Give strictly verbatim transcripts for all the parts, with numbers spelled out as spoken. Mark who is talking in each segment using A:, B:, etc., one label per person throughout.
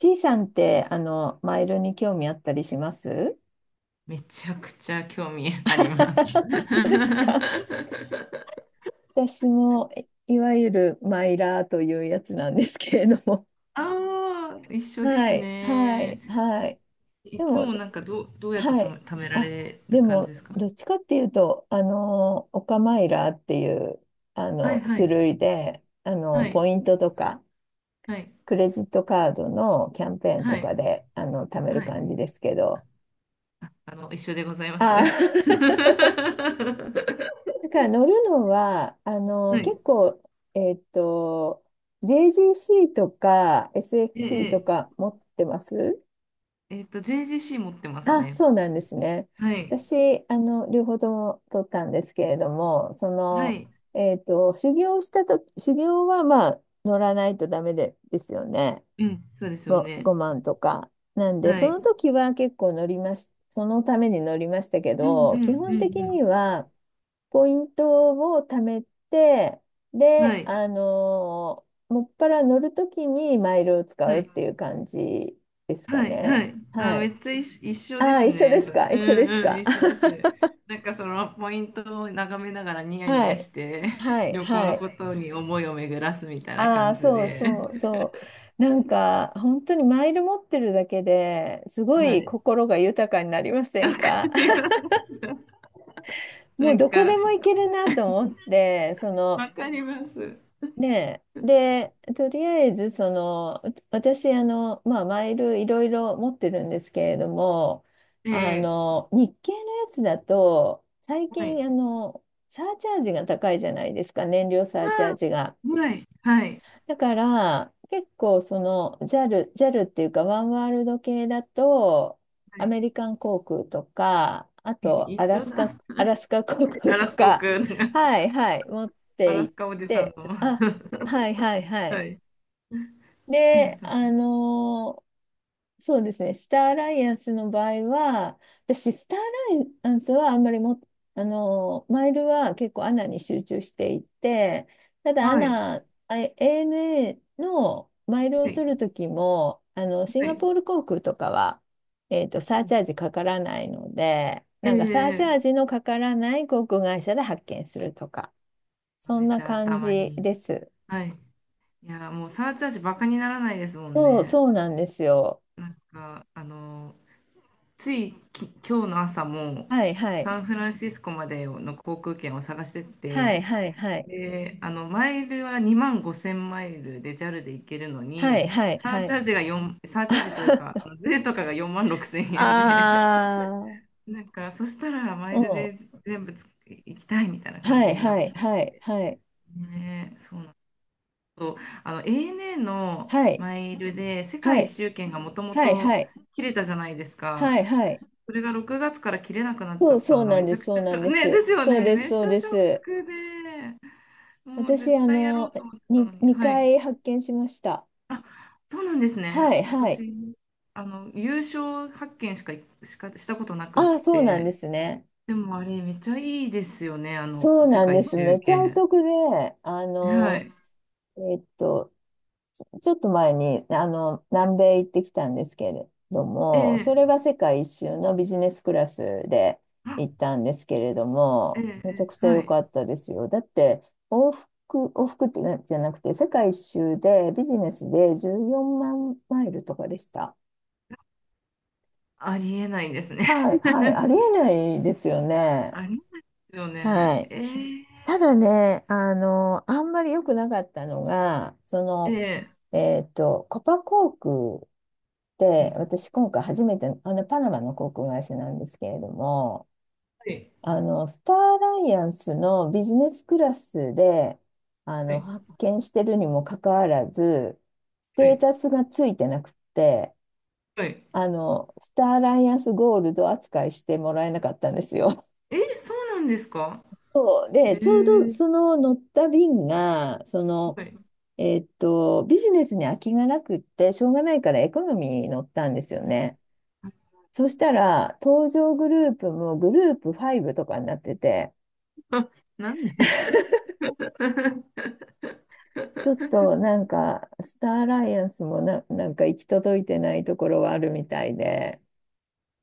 A: ちいさんって、あの、マイルに興味あったりします？
B: めちゃくちゃ興味 あります。
A: 本当ですか？私も、いいわゆるマイラーというやつなんですけれども。
B: ああ、一緒で
A: は
B: す
A: い、はい、
B: ね。
A: はい。で
B: いつ
A: も、
B: もなんかどう、どうやって
A: は
B: とめ、
A: い。
B: 貯めら
A: あ、
B: れる
A: で
B: 感じ
A: も、
B: ですか？
A: どっちかっていうと、あの、オカマイラーっていう、あ
B: はい
A: の、
B: は
A: 種
B: い。
A: 類で、あの、
B: はい。
A: ポイントとか、
B: はい。
A: クレジットカードのキャンペーンと
B: は
A: か
B: い。
A: で、あの、貯める
B: はい。
A: 感じですけど。
B: あの、一緒でございます。
A: あ
B: は
A: あ だから乗るのは、あの、
B: い。
A: 結構、えっと、ジェージーシー とか エスエフシー と
B: え
A: か持ってます
B: え、えっと、ジェージーシー 持ってます
A: あ、
B: ね。
A: そうなんですね。
B: はい。
A: 私、あの、両方とも取ったんですけれども、そ
B: は
A: の、
B: い。
A: えっと、修行したと、修行はまあ、乗らないとダメで、ですよね。
B: うん。そうですよ
A: ご、
B: ね。
A: ごまんとか。なんで、
B: は
A: そ
B: い。
A: の時は結構乗りまし、そのために乗りましたけ
B: うんう
A: ど、基
B: んう
A: 本的
B: ん
A: には、ポイントを貯めて、
B: うん。は
A: で、
B: い。
A: あのーもっぱら乗るときにマイルを
B: は
A: 使うっ
B: い。
A: ていう感じですか
B: はいは
A: ね。
B: い。あ、
A: は
B: め
A: い。
B: っちゃ一緒、一緒
A: あ
B: で
A: あ、
B: す
A: 一緒
B: ね、
A: で
B: そ
A: す
B: れ。
A: か？
B: う
A: 一緒で
B: ん
A: す
B: うん、
A: か？
B: 一緒です。なんかそのポイントを眺めながらニ ヤニ
A: は
B: ヤ
A: い。
B: して、
A: は い。
B: 旅行
A: は
B: の
A: い。
B: ことに思いを巡らすみたいな
A: ああ、
B: 感じ
A: そう
B: で。
A: そうそう。なんか、本当にマイル持ってるだけですご
B: は
A: い
B: い。
A: 心が豊かになりませ
B: わ
A: ん
B: か
A: か？
B: ります。
A: も
B: な
A: う
B: ん
A: どこで
B: か、
A: も行けるなと思って、その、
B: わかります。
A: ねえ。で、とりあえず、その、う私、あの、まあ、マイルいろいろ持ってるんですけれども、あ
B: ええ、
A: の、日系のやつだと、最
B: はい。
A: 近、あの、サーチャージが高いじゃないですか、燃料サ
B: あ
A: ーチャージが。
B: ー、はい。はい。
A: だから結構そのジャルジャルっていうかワンワールド系だと
B: は
A: ア
B: い。
A: メリカン航空とかあと
B: 一
A: アラ
B: 緒
A: スカ、
B: だ。
A: アラスカ航空
B: アラ
A: と
B: スコ
A: か、
B: 君、
A: はいはい、持っ
B: ア
A: て
B: ラス
A: 行っ
B: カおじさん
A: て。
B: の。
A: あ、はいはい は
B: は
A: い。
B: い。
A: で、あのーそうですね。スターアライアンスの場合は、私、スターアライアンスはあんまりも、あの、マイルは結構アナに集中していて、ただア
B: はい。
A: ナ、あ アナ のマイルを
B: はい。
A: 取るときも、あの、シン
B: は
A: ガ
B: い。
A: ポール航空とかは、えっと、サーチャージかからないので、なんかサーチャー
B: ええ、
A: ジのかからない航空会社で発券するとか、そ
B: め
A: ん
B: っ
A: な
B: ちゃ
A: 感
B: 頭い
A: じ
B: い。
A: です。
B: はい。いや、もうサーチャージバカにならないですもん
A: そう、
B: ね。
A: そうなんですよ。
B: なんか、あの、ついき、今日の朝も、
A: はい、はい。
B: サンフランシスコまでの航空券を探して
A: はい、
B: て、
A: はい、はい。
B: で、あの、マイルはにまんごせんマイルでジャルで行けるの
A: はい、
B: に、
A: はい、
B: サ
A: は
B: ーチ
A: い。
B: ャージが4、サーチャージというか、
A: あ
B: あの税とかがよんまんろくせんえんで、
A: あ、
B: なんか、そしたらマ
A: う
B: イル
A: ん。
B: で全部つ行きたいみたいな感
A: は
B: じ
A: い、
B: にな
A: は
B: っ
A: い、
B: て、
A: はい、はい、
B: ね、そうなんと、あの アナ の
A: はい、
B: マイルで世
A: は
B: 界
A: い、
B: 一周券がもとも
A: はい、は
B: と
A: い、
B: 切れたじゃないですか。
A: はい、はい。
B: それがろくがつから切れなくなっち
A: そ
B: ゃ
A: う、
B: った
A: そう
B: のが
A: なん
B: めち
A: で
B: ゃ
A: す、
B: く
A: そ
B: ち
A: う
B: ゃシ
A: な
B: ョッ
A: ん
B: ク、
A: で
B: ね、で
A: す。
B: すよ
A: そう
B: ね。
A: です、
B: めっ
A: そ
B: ち
A: う
B: ゃ
A: で
B: ショッ
A: す。
B: クで、もう
A: 私、
B: 絶
A: あ
B: 対やろう
A: の、
B: と思ってた
A: に、
B: のに。は
A: 2
B: い。
A: 回発見しました。
B: そうなんです
A: は
B: ね。
A: い、はい。
B: 私、あの、優勝発見しか、しかしたことなくっ
A: ああ、そうなんで
B: て。
A: すね。
B: でもあれ、めっちゃいいですよね。あの、
A: そう
B: 世
A: なん
B: 界
A: で
B: 一
A: す。め
B: 周
A: っちゃお
B: 券。
A: 得で、あ
B: は
A: の、
B: い。
A: えっと、ちょっと前に、あの、南米行ってきたんですけれど
B: え
A: も、そ
B: え、
A: れは世界一周のビジネスクラスで
B: あ、
A: 行ったんですけれど
B: ええ、
A: も、めちゃ
B: え
A: くち
B: え、
A: ゃ
B: は
A: 良
B: い。
A: かったですよ。だって、往復、往復ってなじゃなくて、世界一周でビジネスでじゅうよんまんマイルとかでした。
B: ありえないですね。
A: はい、はい、あり えないですよね。
B: ありますよ
A: は
B: ね。
A: い。
B: えー、
A: ただね、あの、あんまり良くなかったのが、そ
B: え
A: の、
B: ー、
A: えっと、コパ航空
B: は
A: で、
B: い、
A: 私今回初めて、あの、パナマの航空会社なんですけれども、
B: はい、
A: あの、スターアライアンスのビジネスクラスで、あ
B: は
A: の、
B: い、
A: 発見してるにもかかわらず、ス
B: は
A: テー
B: い、
A: タスがついてなくって、
B: はい。
A: あの、スターアライアンスゴールド扱いしてもらえなかったんですよ。
B: えー、そうなんですか？
A: そう。で、
B: え
A: ちょうど
B: ー、
A: その乗った便が、その、
B: はい。
A: えーっと、ビジネスに空きがなくって、しょうがないからエコノミーに乗ったんですよね。そしたら、登場グループもグループごとかになってて、
B: なんで？ ちょっ
A: ちょっとなんか、スターアライアンスもな、なんか行き届いてないところはあるみたいで、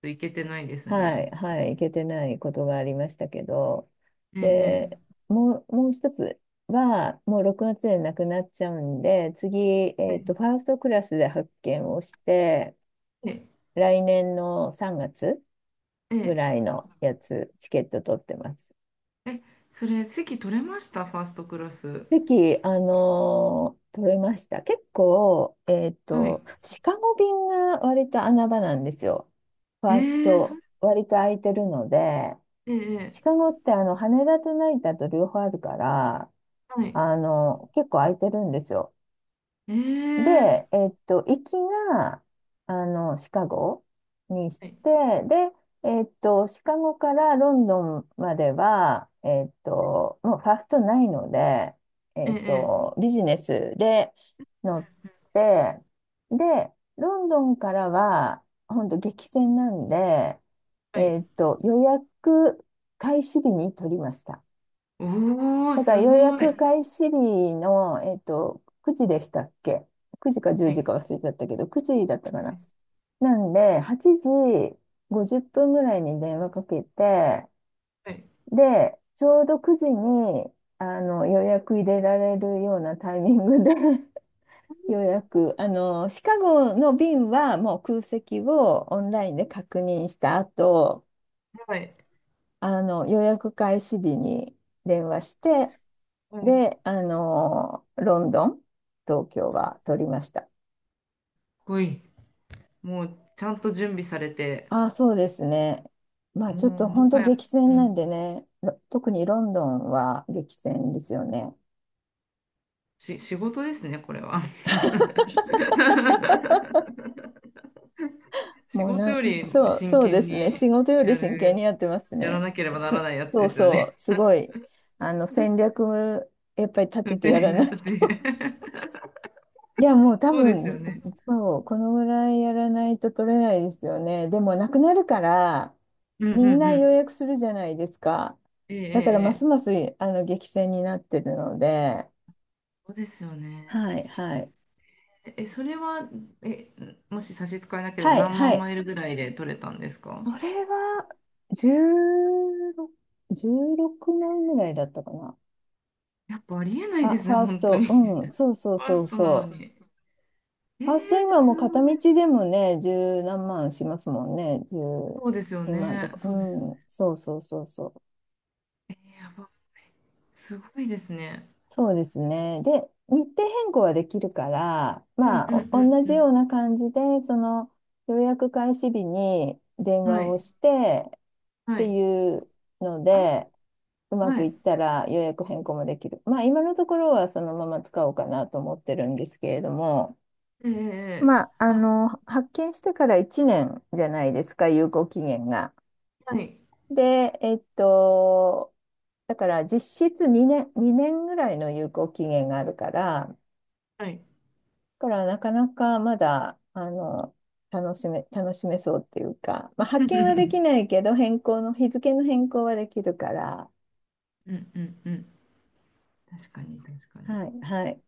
B: といけてないです
A: は
B: ね。
A: い、はい、行けてないことがありましたけど、
B: えー、
A: で、
B: え
A: もう、もう一つは、もうろくがつでなくなっちゃうんで、次、
B: ー、
A: え
B: は
A: っ
B: い、
A: と、ファーストクラスで発見をして、
B: え
A: 来年のさんがつ
B: ー、
A: ぐ
B: え
A: らいのやつ、チケット取ってます。
B: ー、え、それ、席取れました、ファーストクラス？
A: 席、あのー取れました。結構、えっ
B: はい。
A: と、シカゴ便が割と穴場なんですよ。フ
B: え
A: ァース
B: ー、そ
A: ト、
B: う、
A: 割と空いてるので、
B: えー、
A: シ
B: え
A: カゴってあの羽田と成田と両方あるから、
B: ー、はい。
A: あの、結構空いてるんですよ。
B: えー、
A: で、えっと、行きが、あの、シカゴにし
B: はい、え
A: て、で、えっと、シカゴからロンドンまでは、えっと、もうファーストないので、
B: ー、
A: えっ
B: え
A: と、ビジネスで乗って、で、ロンドンからは、本当激戦なんで、
B: ー、はい。
A: えっと、予約開始日に取りました。
B: おー、
A: だから
B: す
A: 予
B: ごい。はい、
A: 約開始日の、えっと、くじでしたっけ？ く 時かじゅうじか
B: は
A: 忘れちゃったけど、くじだったか
B: い、
A: な。なんで、はちじごじゅっぷんぐらいに電話かけて、
B: はい、
A: で、ちょうどくじにあの予約入れられるようなタイミングで 予約、あの、シカゴの便はもう空席をオンラインで確認した後、
B: はい。はい。か
A: あの、予約開始日に電話して、
B: っ
A: で、あの、ロンドン、東京は取りました。
B: こいい。もうちゃんと準備されて、
A: ああ、そうですね。まあちょっと
B: もうも
A: 本当
B: は
A: 激
B: や、う
A: 戦なん
B: ん、
A: でね、ろ特にロンドンは激戦ですよね。
B: し、仕事ですね、これは。仕
A: もう
B: 事
A: な
B: よ
A: ん、
B: り
A: そう、
B: 真
A: そうで
B: 剣
A: すね。
B: に
A: 仕事より
B: や
A: 真剣に
B: る、
A: やってます
B: やら
A: ね。
B: なければなら
A: す、
B: ないやつ
A: そ
B: で
A: う
B: すよ
A: そ
B: ね。
A: う、すごい。あの、戦略、やっぱり立
B: 運
A: てて
B: 転
A: やらない
B: 型で。
A: と。 いや、もう多
B: そうです
A: 分、
B: よね。
A: そう、このぐらいやらないと取れないですよね。でも、なくなるから、
B: うんうん
A: みんな
B: う
A: 予
B: ん。
A: 約するじゃないですか。
B: ええ、え
A: だから
B: え。
A: ます
B: ええ、
A: ますあの激戦になってるので、
B: そうですよね。
A: はい、はい。
B: え、それは、え、もし差し支えなければ
A: はい、
B: 何
A: は
B: 万
A: い。
B: マイルぐらいで取れたんですか？
A: それは、じゅうろく、じゅうろくまんぐらいだったかな。
B: やっぱありえな
A: フ
B: いで
A: ァ、
B: す
A: フ
B: ね、
A: ァース
B: 本当
A: ト、
B: に。
A: うん、そうそ う
B: ファー
A: そう
B: ストなの
A: そう。
B: に。え
A: ファースト
B: ー、
A: 今も
B: す
A: う片
B: ご
A: 道
B: い。
A: でもね、十何万しますもんね。十、
B: そうですよ
A: 今と
B: ね。
A: か、
B: そうですよね。
A: うん、そうそうそうそう。
B: えー、やば、すごいですね。
A: そうですね。で、日程変更はできるから、
B: うん
A: ま
B: うん
A: あ、
B: う
A: お
B: ん
A: 同
B: う
A: じよ
B: ん。
A: うな感じで、その予約開始日に電
B: は
A: 話を
B: い。
A: してっ
B: は
A: て
B: い。
A: いうの
B: あ、
A: で、うま
B: は
A: くいっ
B: い。
A: たら予約変更もできる。まあ、今のところはそのまま使おうかなと思ってるんですけれども、
B: えー、え
A: まあ、あ
B: ー、あ、
A: の、発券してからいちねんじゃないですか、有効期限が。
B: はい。
A: で、えっと、だから実質にねん、にねんぐらいの有効期限があるから、だ
B: はい。
A: からなかなかまだ、あの、楽しめ、楽しめそうっていうか、まあ、
B: う
A: 発遣はでき
B: ん
A: ないけど、変更の、日付の変更はできるから、
B: うんうん。確かに、確かに。
A: はい、はい。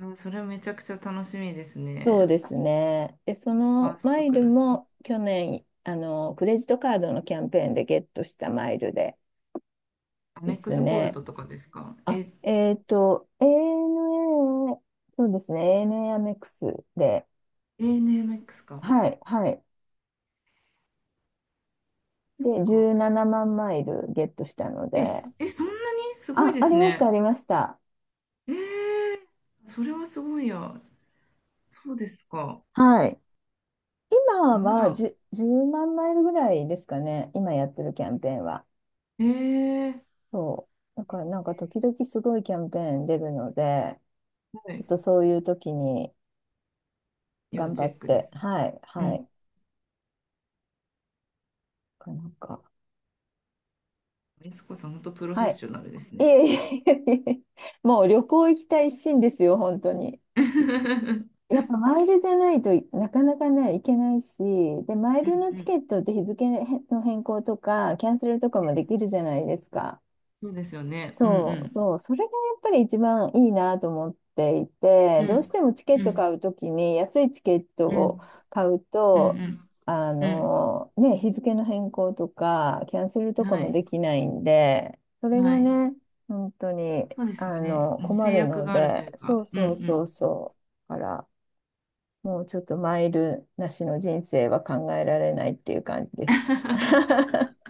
B: あ、それはめちゃくちゃ楽しみです
A: そう
B: ね。
A: ですね。で、そ
B: ファ
A: の
B: ース
A: マ
B: ト
A: イ
B: ク
A: ル
B: ラス。
A: も去年、あの、クレジットカードのキャンペーンでゲットしたマイルで
B: ア
A: で
B: メック
A: す
B: スゴール
A: ね、
B: ドとかですか？
A: あ、
B: え、
A: えっと、アナ、そうですね、アナ アメックスで、
B: エーエヌエムエックス か。
A: はい、はい。で、
B: か。
A: じゅうななまんマイルゲットしたの
B: え、
A: で、
B: すえ、そんなにすごい
A: あ、
B: で
A: あ
B: す
A: りました、あ
B: ね。
A: りました。
B: えー、それはすごいや。そうですか。
A: はい。今
B: ま
A: は
B: だ。
A: じゅう、万マイルぐらいですかね、今やってるキャンペーンは。
B: えー、
A: そう。だからなんか時々すごいキャンペーン出るので、
B: は
A: ちょっ
B: い。
A: とそういう時に
B: 要
A: 頑張
B: チ
A: っ
B: ェックで
A: て、
B: すね。
A: はい、
B: う
A: は
B: ん。
A: い。なんか、
B: エスコさん、本当プロフェッ
A: はい。
B: ショナルです
A: い
B: ね。
A: えいえいえいえ、もう旅行行きたい一心ですよ、本当に。
B: う
A: やっ
B: ん
A: ぱマイルじゃないとなかなかね、行けないし、で、マイ
B: う
A: ルのチ
B: ん、
A: ケットって日付の変更とか、キャンセルとかも
B: ね、
A: できるじゃないですか。
B: そうですよね。う
A: そう
B: ん
A: そう、それがやっぱり一番いいなと思っていて、
B: う
A: どう
B: ん。
A: してもチケッ
B: うんう
A: ト買
B: ん
A: うときに安いチケット
B: う
A: を
B: ん
A: 買う
B: う
A: と、
B: ん
A: あ
B: うん
A: のね、日付の変更とかキャンセル
B: う
A: と
B: ん。
A: か
B: は
A: もで
B: い
A: きないんで、それ
B: は
A: が
B: い。
A: ね、本当に
B: そうですよ
A: あ
B: ね。
A: の
B: もう
A: 困
B: 制
A: る
B: 約
A: の
B: があるとい
A: で、
B: う
A: そ
B: か。
A: う
B: うんう
A: そうそ
B: ん。
A: うそう、だからもうちょっとマイルなしの人生は考えられないっていう感じです。